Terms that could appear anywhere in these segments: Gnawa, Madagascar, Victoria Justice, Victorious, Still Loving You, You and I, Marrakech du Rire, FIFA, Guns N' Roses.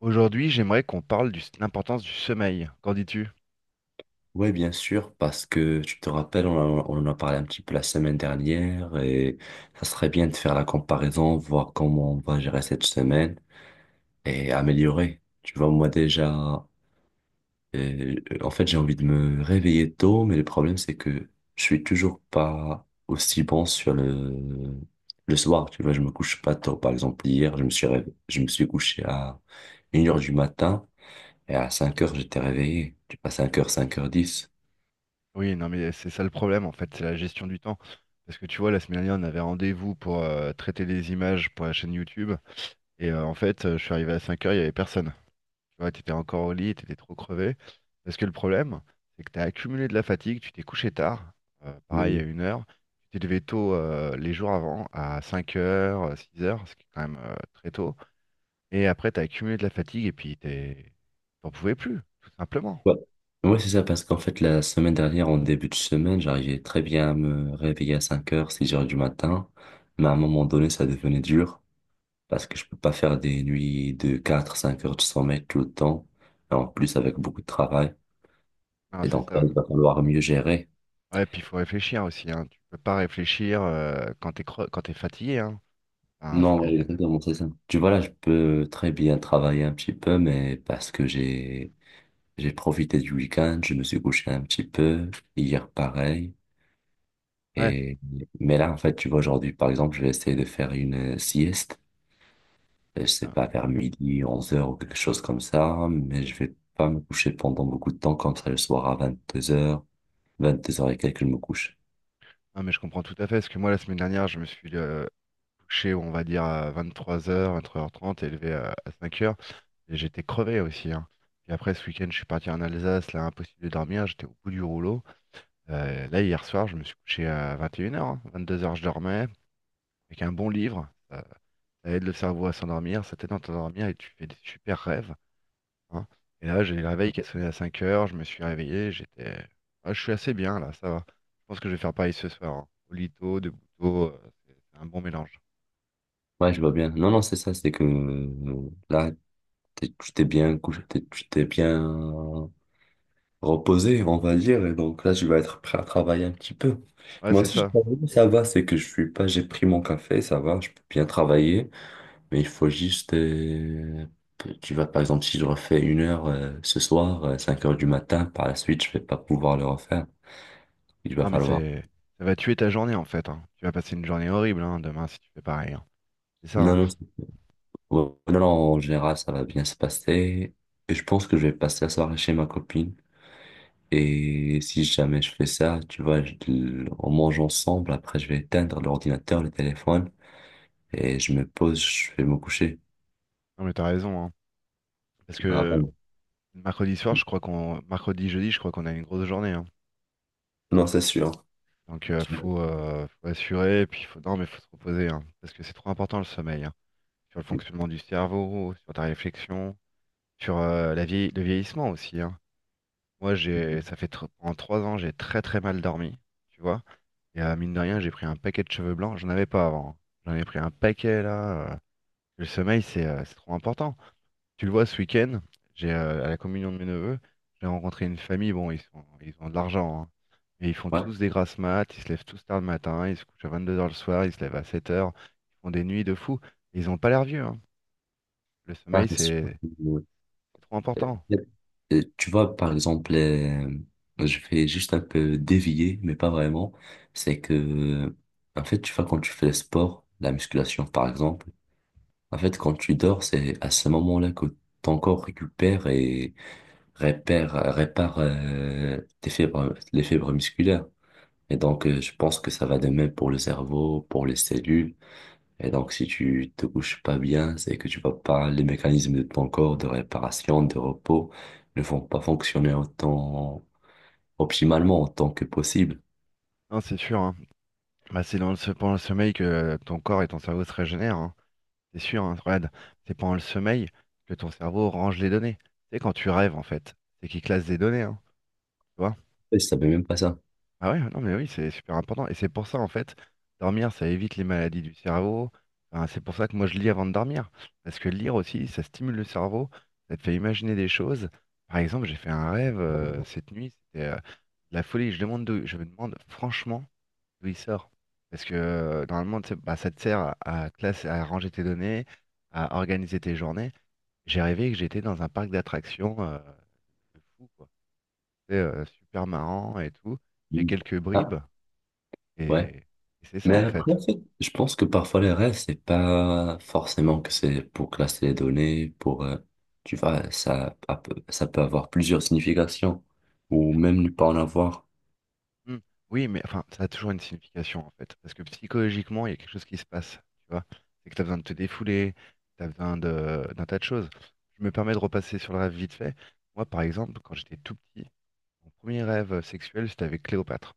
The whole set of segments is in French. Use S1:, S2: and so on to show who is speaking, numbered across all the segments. S1: Aujourd'hui, j'aimerais qu'on parle de l'importance du sommeil. Qu'en dis-tu?
S2: Oui, bien sûr, parce que tu te rappelles, on en a parlé un petit peu la semaine dernière et ça serait bien de faire la comparaison, voir comment on va gérer cette semaine et améliorer. Tu vois, moi déjà, euh, en fait, j'ai envie de me réveiller tôt, mais le problème, c'est que je suis toujours pas aussi bon sur le soir. Tu vois, je me couche pas tôt. Par exemple, hier, je me suis couché à 1 heure du matin et à 5 heures j'étais réveillé. Tu passes 5 heures, 5 heures 10.
S1: Oui, non, mais c'est ça le problème, en fait, c'est la gestion du temps. Parce que tu vois, la semaine dernière, on avait rendez-vous pour traiter des images pour la chaîne YouTube. Et je suis arrivé à 5 heures, il n'y avait personne. Tu vois, tu étais encore au lit, tu étais trop crevé. Parce que le problème, c'est que tu as accumulé de la fatigue, tu t'es couché tard, pareil à une heure. Tu t'es levé tôt les jours avant, à 5 heures, 6 heures, ce qui est quand même très tôt. Et après, tu as accumulé de la fatigue et puis t'es... t'en pouvais plus, tout simplement.
S2: Ouais, ouais, c'est ça, parce qu'en fait, la semaine dernière, en début de semaine, j'arrivais très bien à me réveiller à 5 heures, 6 heures du matin. Mais à un moment donné, ça devenait dur, parce que je peux pas faire des nuits de 4 5 heures de sommeil tout le temps. Et en plus, avec beaucoup de travail.
S1: Ah
S2: Et
S1: c'est
S2: donc, là,
S1: ça.
S2: il va falloir mieux gérer.
S1: Ouais, puis il faut réfléchir aussi, hein. Tu peux pas réfléchir quand quand t'es fatigué, hein. Enfin,
S2: Non,
S1: c'est...
S2: ouais, exactement, c'est ça. Tu vois, là, je peux très bien travailler un petit peu, mais parce que j'ai profité du week-end, je me suis couché un petit peu. Hier, pareil.
S1: Ouais.
S2: Et, mais là, en fait, tu vois, aujourd'hui, par exemple, je vais essayer de faire une sieste. Je sais
S1: Ah
S2: pas, vers midi, 11 heures ou quelque chose comme ça, mais je vais pas me coucher pendant beaucoup de temps, comme ça, le soir à 22 heures, 22 heures et quelques, je me couche.
S1: non, mais je comprends tout à fait. Parce que moi, la semaine dernière, je me suis couché, on va dire, à 23h, 23h30, et levé à 5 heures. Et j'étais crevé aussi, hein. Puis après, ce week-end, je suis parti en Alsace, là, impossible de dormir, j'étais au bout du rouleau. Là, hier soir, je me suis couché à 21h, 22h, je dormais, avec un bon livre. Ça aide le cerveau à s'endormir, ça t'aide à t'endormir et tu fais des super rêves, hein. Et là, j'ai le réveil qui a sonné à 5 heures, je me suis réveillé, j'étais. Ah, je suis assez bien là, ça va. Je pense que je vais faire pareil ce soir, hein. Olito, Debuto, c'est un bon mélange.
S2: Ouais, je vois bien. Non, non, c'est ça, c'est que là, tu t'es bien couché, tu t'es bien reposé, on va dire, et donc là, je vais être prêt à travailler un petit peu.
S1: Ouais,
S2: Moi
S1: c'est
S2: aussi, je
S1: ça.
S2: travaille, ça va, c'est que je suis pas, j'ai pris mon café, ça va, je peux bien travailler. Mais il faut juste, tu vois, par exemple, si je refais 1 heure ce soir, 5 heures du matin, par la suite, je vais pas pouvoir le refaire. Il va
S1: Non, mais
S2: falloir.
S1: c'est. Ça va tuer ta journée en fait, hein. Tu vas passer une journée horrible hein, demain si tu fais pareil, hein. C'est ça,
S2: Non,
S1: hein.
S2: non, ouais, non, non, en général, ça va bien se passer. Et je pense que je vais passer la soirée chez ma copine. Et si jamais je fais ça, tu vois, on mange ensemble. Après, je vais éteindre l'ordinateur, le téléphone. Et je me pose, je vais me coucher.
S1: Non, mais t'as raison, hein. Parce
S2: Ah,
S1: que
S2: bon.
S1: mercredi soir, je crois qu'on. Mercredi, jeudi, je crois qu'on a une grosse journée, hein.
S2: Non, c'est sûr.
S1: Donc, faut assurer. Puis, faut... non, mais faut se reposer, hein. Parce que c'est trop important le sommeil, hein. Sur le fonctionnement du cerveau, sur ta réflexion. Sur le vieillissement aussi, hein. Moi, en 3 ans, j'ai très très mal dormi, tu vois. Et mine de rien, j'ai pris un paquet de cheveux blancs. J'en avais pas avant, hein. J'en ai pris un paquet là, Le sommeil, c'est trop important. Tu le vois ce week-end, j'ai à la communion de mes neveux, j'ai rencontré une famille. Bon, ils ont de l'argent, hein. Mais ils font
S2: Ouais.
S1: tous des grasses mat, ils se lèvent tous tard le matin, ils se couchent à 22 heures le soir, ils se lèvent à 7 heures. Ils font des nuits de fou. Ils ont pas l'air vieux, hein. Le
S2: Ah,
S1: sommeil,
S2: c'est
S1: c'est
S2: sûr.
S1: c'est trop important.
S2: Tu vois, par exemple, je vais juste un peu dévier, mais pas vraiment. C'est que, en fait, tu vois, quand tu fais le sport, la musculation, par exemple, en fait, quand tu dors, c'est à ce moment-là que ton corps récupère et répare tes fibres, les fibres musculaires. Et donc, je pense que ça va de même pour le cerveau, pour les cellules. Et donc, si tu te couches pas bien, c'est que tu vas pas, les mécanismes de ton corps de réparation, de repos ne vont pas fonctionner autant optimalement, autant que possible.
S1: Non, c'est sûr, hein. Bah, c'est pendant le sommeil que ton corps et ton cerveau se régénèrent, hein. C'est sûr, hein, Fred. C'est pendant le sommeil que ton cerveau range les données. C'est quand tu rêves, en fait. C'est qu'il classe des données, hein, tu vois?
S2: Et je savais même pas ça.
S1: Ah ouais, non, mais oui, c'est super important. Et c'est pour ça, en fait, dormir, ça évite les maladies du cerveau. Enfin, c'est pour ça que moi, je lis avant de dormir. Parce que lire aussi, ça stimule le cerveau. Ça te fait imaginer des choses. Par exemple, j'ai fait un rêve cette nuit. C'était de la folie. Je me demande, franchement, d'où il sort. Parce que normalement, tu sais, bah, ça te sert à, à ranger tes données, à organiser tes journées. J'ai rêvé que j'étais dans un parc d'attractions de fou, quoi. C'est super marrant et tout. J'ai
S2: Mm.
S1: quelques
S2: Ah,
S1: bribes et,
S2: ouais.
S1: et c'est ça
S2: Mais
S1: en
S2: après,
S1: fait.
S2: en fait, je pense que parfois les rêves, c'est pas forcément que c'est pour classer les données, pour, tu vois, ça peut avoir plusieurs significations, ou même ne pas en avoir.
S1: Hmm. Oui, mais enfin, ça a toujours une signification en fait. Parce que psychologiquement, il y a quelque chose qui se passe, tu vois. C'est que tu as besoin de te défouler, tu as besoin d'un tas de choses. Je me permets de repasser sur le rêve vite fait. Moi, par exemple, quand j'étais tout petit, mon premier rêve sexuel, c'était avec Cléopâtre.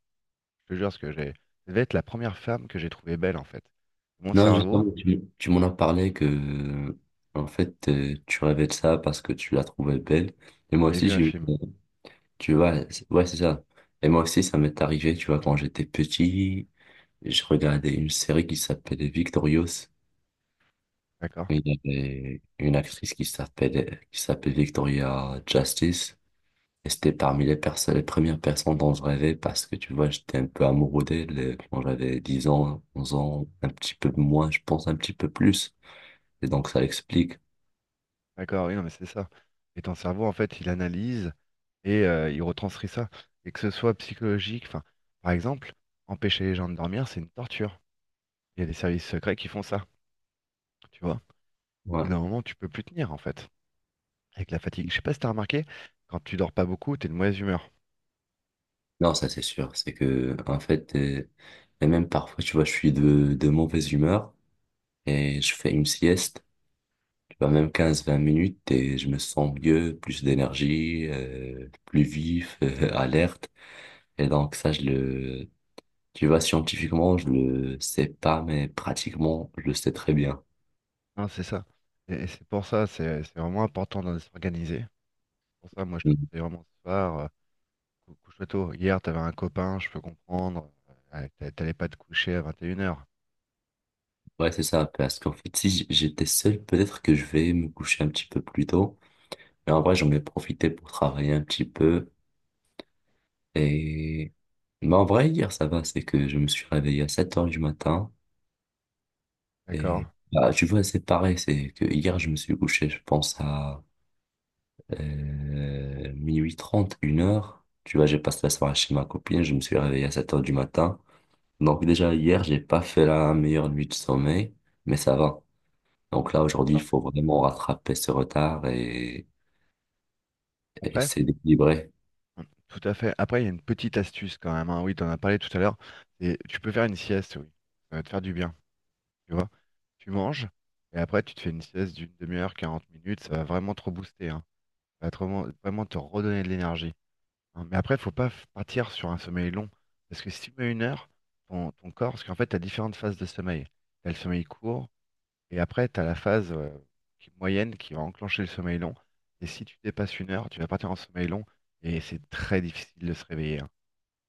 S1: Je te jure, ce que j'ai. Ça devait être la première femme que j'ai trouvée belle, en fait. Mon
S2: Non, justement,
S1: cerveau,
S2: tu m'en as parlé que, en fait, tu rêvais de ça parce que tu la trouvais belle. Et moi
S1: j'avais
S2: aussi,
S1: vu un
S2: j'ai eu,
S1: film.
S2: tu vois, ouais, c'est ça. Et moi aussi, ça m'est arrivé, tu vois, quand j'étais petit, je regardais une série qui s'appelait Victorious.
S1: D'accord?
S2: Il y avait une actrice qui s'appelait Victoria Justice. Et c'était parmi les personnes, les premières personnes dont je rêvais parce que, tu vois, j'étais un peu amoureux d'elle quand j'avais 10 ans, 11 ans, un petit peu moins, je pense un petit peu plus. Et donc, ça explique.
S1: D'accord, oui, non, mais c'est ça. Et ton cerveau, en fait, il analyse et il retranscrit ça. Et que ce soit psychologique, enfin, par exemple, empêcher les gens de dormir, c'est une torture. Il y a des services secrets qui font ça, tu vois. Au bout
S2: Ouais.
S1: d'un moment, tu peux plus tenir, en fait, avec la fatigue. Je sais pas si t'as remarqué, quand tu dors pas beaucoup, t'es de mauvaise humeur.
S2: Non, ça, c'est sûr. C'est que, en fait, et même parfois, tu vois, je suis de mauvaise humeur et je fais une sieste, tu vois, même 15 20 minutes et je me sens mieux, plus d'énergie, plus vif, alerte. Et donc, ça, je le, tu vois, scientifiquement, je le sais pas, mais pratiquement, je le sais très bien.
S1: Non, c'est ça. Et c'est pour ça, c'est vraiment important de s'organiser. Pour ça, moi, je te
S2: Mm.
S1: conseille vraiment ce soir. Couche-toi tôt. Hier, t'avais un copain, je peux comprendre. Ouais, t'allais pas te coucher à 21h.
S2: Ouais, c'est ça, parce qu'en fait, si j'étais seul, peut-être que je vais me coucher un petit peu plus tôt. Mais en vrai, j'en ai profité pour travailler un petit peu. Et bah, en vrai, hier, ça va, c'est que je me suis réveillé à 7 heures du matin.
S1: D'accord?
S2: Et bah, tu vois, c'est pareil, c'est que hier, je me suis couché, je pense, à 0h30 1 heure. Tu vois, j'ai passé la soirée chez ma copine, je me suis réveillé à 7 heures du matin. Donc déjà, hier, j'ai pas fait la meilleure nuit de sommeil, mais ça va. Donc là, aujourd'hui, il
S1: D'accord.
S2: faut vraiment rattraper ce retard et
S1: Après,
S2: s'équilibrer.
S1: tout à fait. Après, il y a une petite astuce quand même, hein. Oui, t'en as parlé tout à l'heure. Et tu peux faire une sieste, oui. Ça va te faire du bien. Tu vois? Tu manges et après, tu te fais une sieste d'une demi-heure, 40 minutes. Ça va vraiment te rebooster, hein. Ça va te vraiment, vraiment te redonner de l'énergie, hein. Mais après, il faut pas f- partir sur un sommeil long. Parce que si tu mets une heure, ton corps, parce qu'en fait, tu as différentes phases de sommeil. Tu as le sommeil court, et après, tu as la phase moyenne qui va enclencher le sommeil long. Et si tu dépasses une heure, tu vas partir en sommeil long, et c'est très difficile de se réveiller, hein.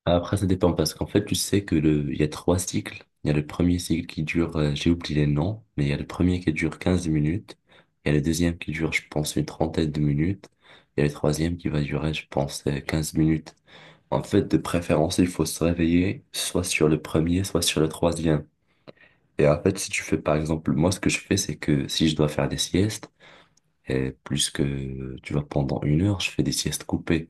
S2: Après, ça dépend parce qu'en fait, tu sais il y a trois cycles. Il y a le premier cycle qui dure, j'ai oublié les noms, mais il y a le premier qui dure 15 minutes. Il y a le deuxième qui dure, je pense, une trentaine de minutes. Il y a le troisième qui va durer, je pense, 15 minutes. En fait, de préférence, il faut se réveiller soit sur le premier, soit sur le troisième. Et en fait, si tu fais, par exemple, moi, ce que je fais, c'est que si je dois faire des siestes, et plus que, tu vois, pendant 1 heure, je fais des siestes coupées.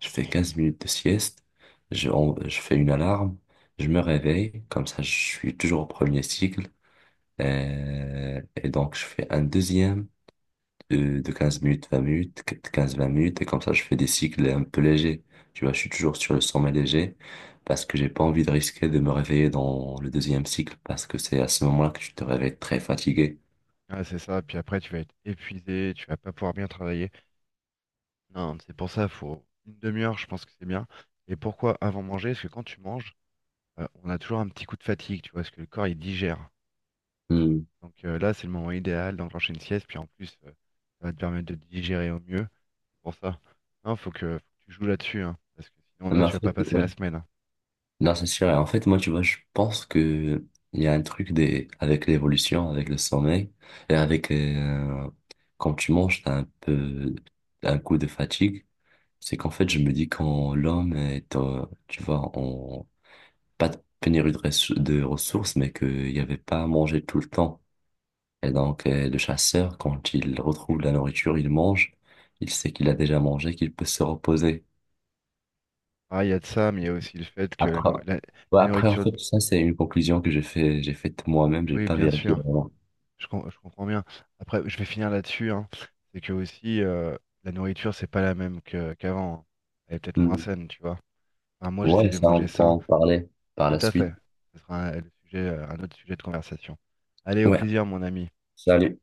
S2: Je fais 15 minutes de sieste, je fais une alarme, je me réveille, comme ça, je suis toujours au premier cycle. Et donc, je fais un deuxième de 15 minutes, 20 minutes, 15 20 minutes, et comme ça, je fais des cycles un peu légers. Tu vois, je suis toujours sur le sommet léger parce que j'ai pas envie de risquer de me réveiller dans le deuxième cycle parce que c'est à ce moment-là que tu te réveilles très fatigué.
S1: Ah, c'est ça, puis après, tu vas être épuisé, tu vas pas pouvoir bien travailler. Non, c'est pour ça, faut une demi-heure, je pense que c'est bien. Et pourquoi avant manger? Parce que quand tu manges, on a toujours un petit coup de fatigue, tu vois, parce que le corps, il digère.
S2: Hmm.
S1: Donc là, c'est le moment idéal d'enclencher une sieste, puis en plus, ça va te permettre de digérer au mieux. C'est pour ça, non, faut que tu joues là-dessus, hein, parce que sinon là,
S2: Mais en
S1: tu vas pas
S2: fait,
S1: passer
S2: ouais.
S1: la semaine, hein.
S2: Non, c'est sûr. Et en fait, moi, tu vois, je pense que il y a un truc des, avec l'évolution, avec le sommeil, et avec quand tu manges, t'as un peu un coup de fatigue. C'est qu'en fait, je me dis quand l'homme est, tu vois, en pas de pénurie de ressources, mais qu'il n'y avait pas à manger tout le temps. Et donc, le chasseur, quand il retrouve la nourriture, il mange. Il sait qu'il a déjà mangé, qu'il peut se reposer.
S1: Ah, il y a de ça, mais il y a aussi le fait que
S2: Après, ouais,
S1: la
S2: après, en
S1: nourriture,
S2: fait, ça, c'est une conclusion que j'ai faite moi-même, j'ai
S1: oui,
S2: pas
S1: bien
S2: vérifié
S1: sûr,
S2: vraiment.
S1: je comprends bien. Après, je vais finir là-dessus, hein. C'est que aussi, la nourriture, c'est pas la même que qu'avant, hein. Elle est peut-être moins
S2: Hmm.
S1: saine, tu vois. Enfin, moi, j'essaie
S2: Ouais,
S1: de
S2: ça, on
S1: manger
S2: peut
S1: sain,
S2: en parler par
S1: tout
S2: la
S1: à fait.
S2: suite.
S1: Ce sera le sujet, un autre sujet de conversation. Allez, au
S2: Ouais.
S1: plaisir, mon ami.
S2: Salut.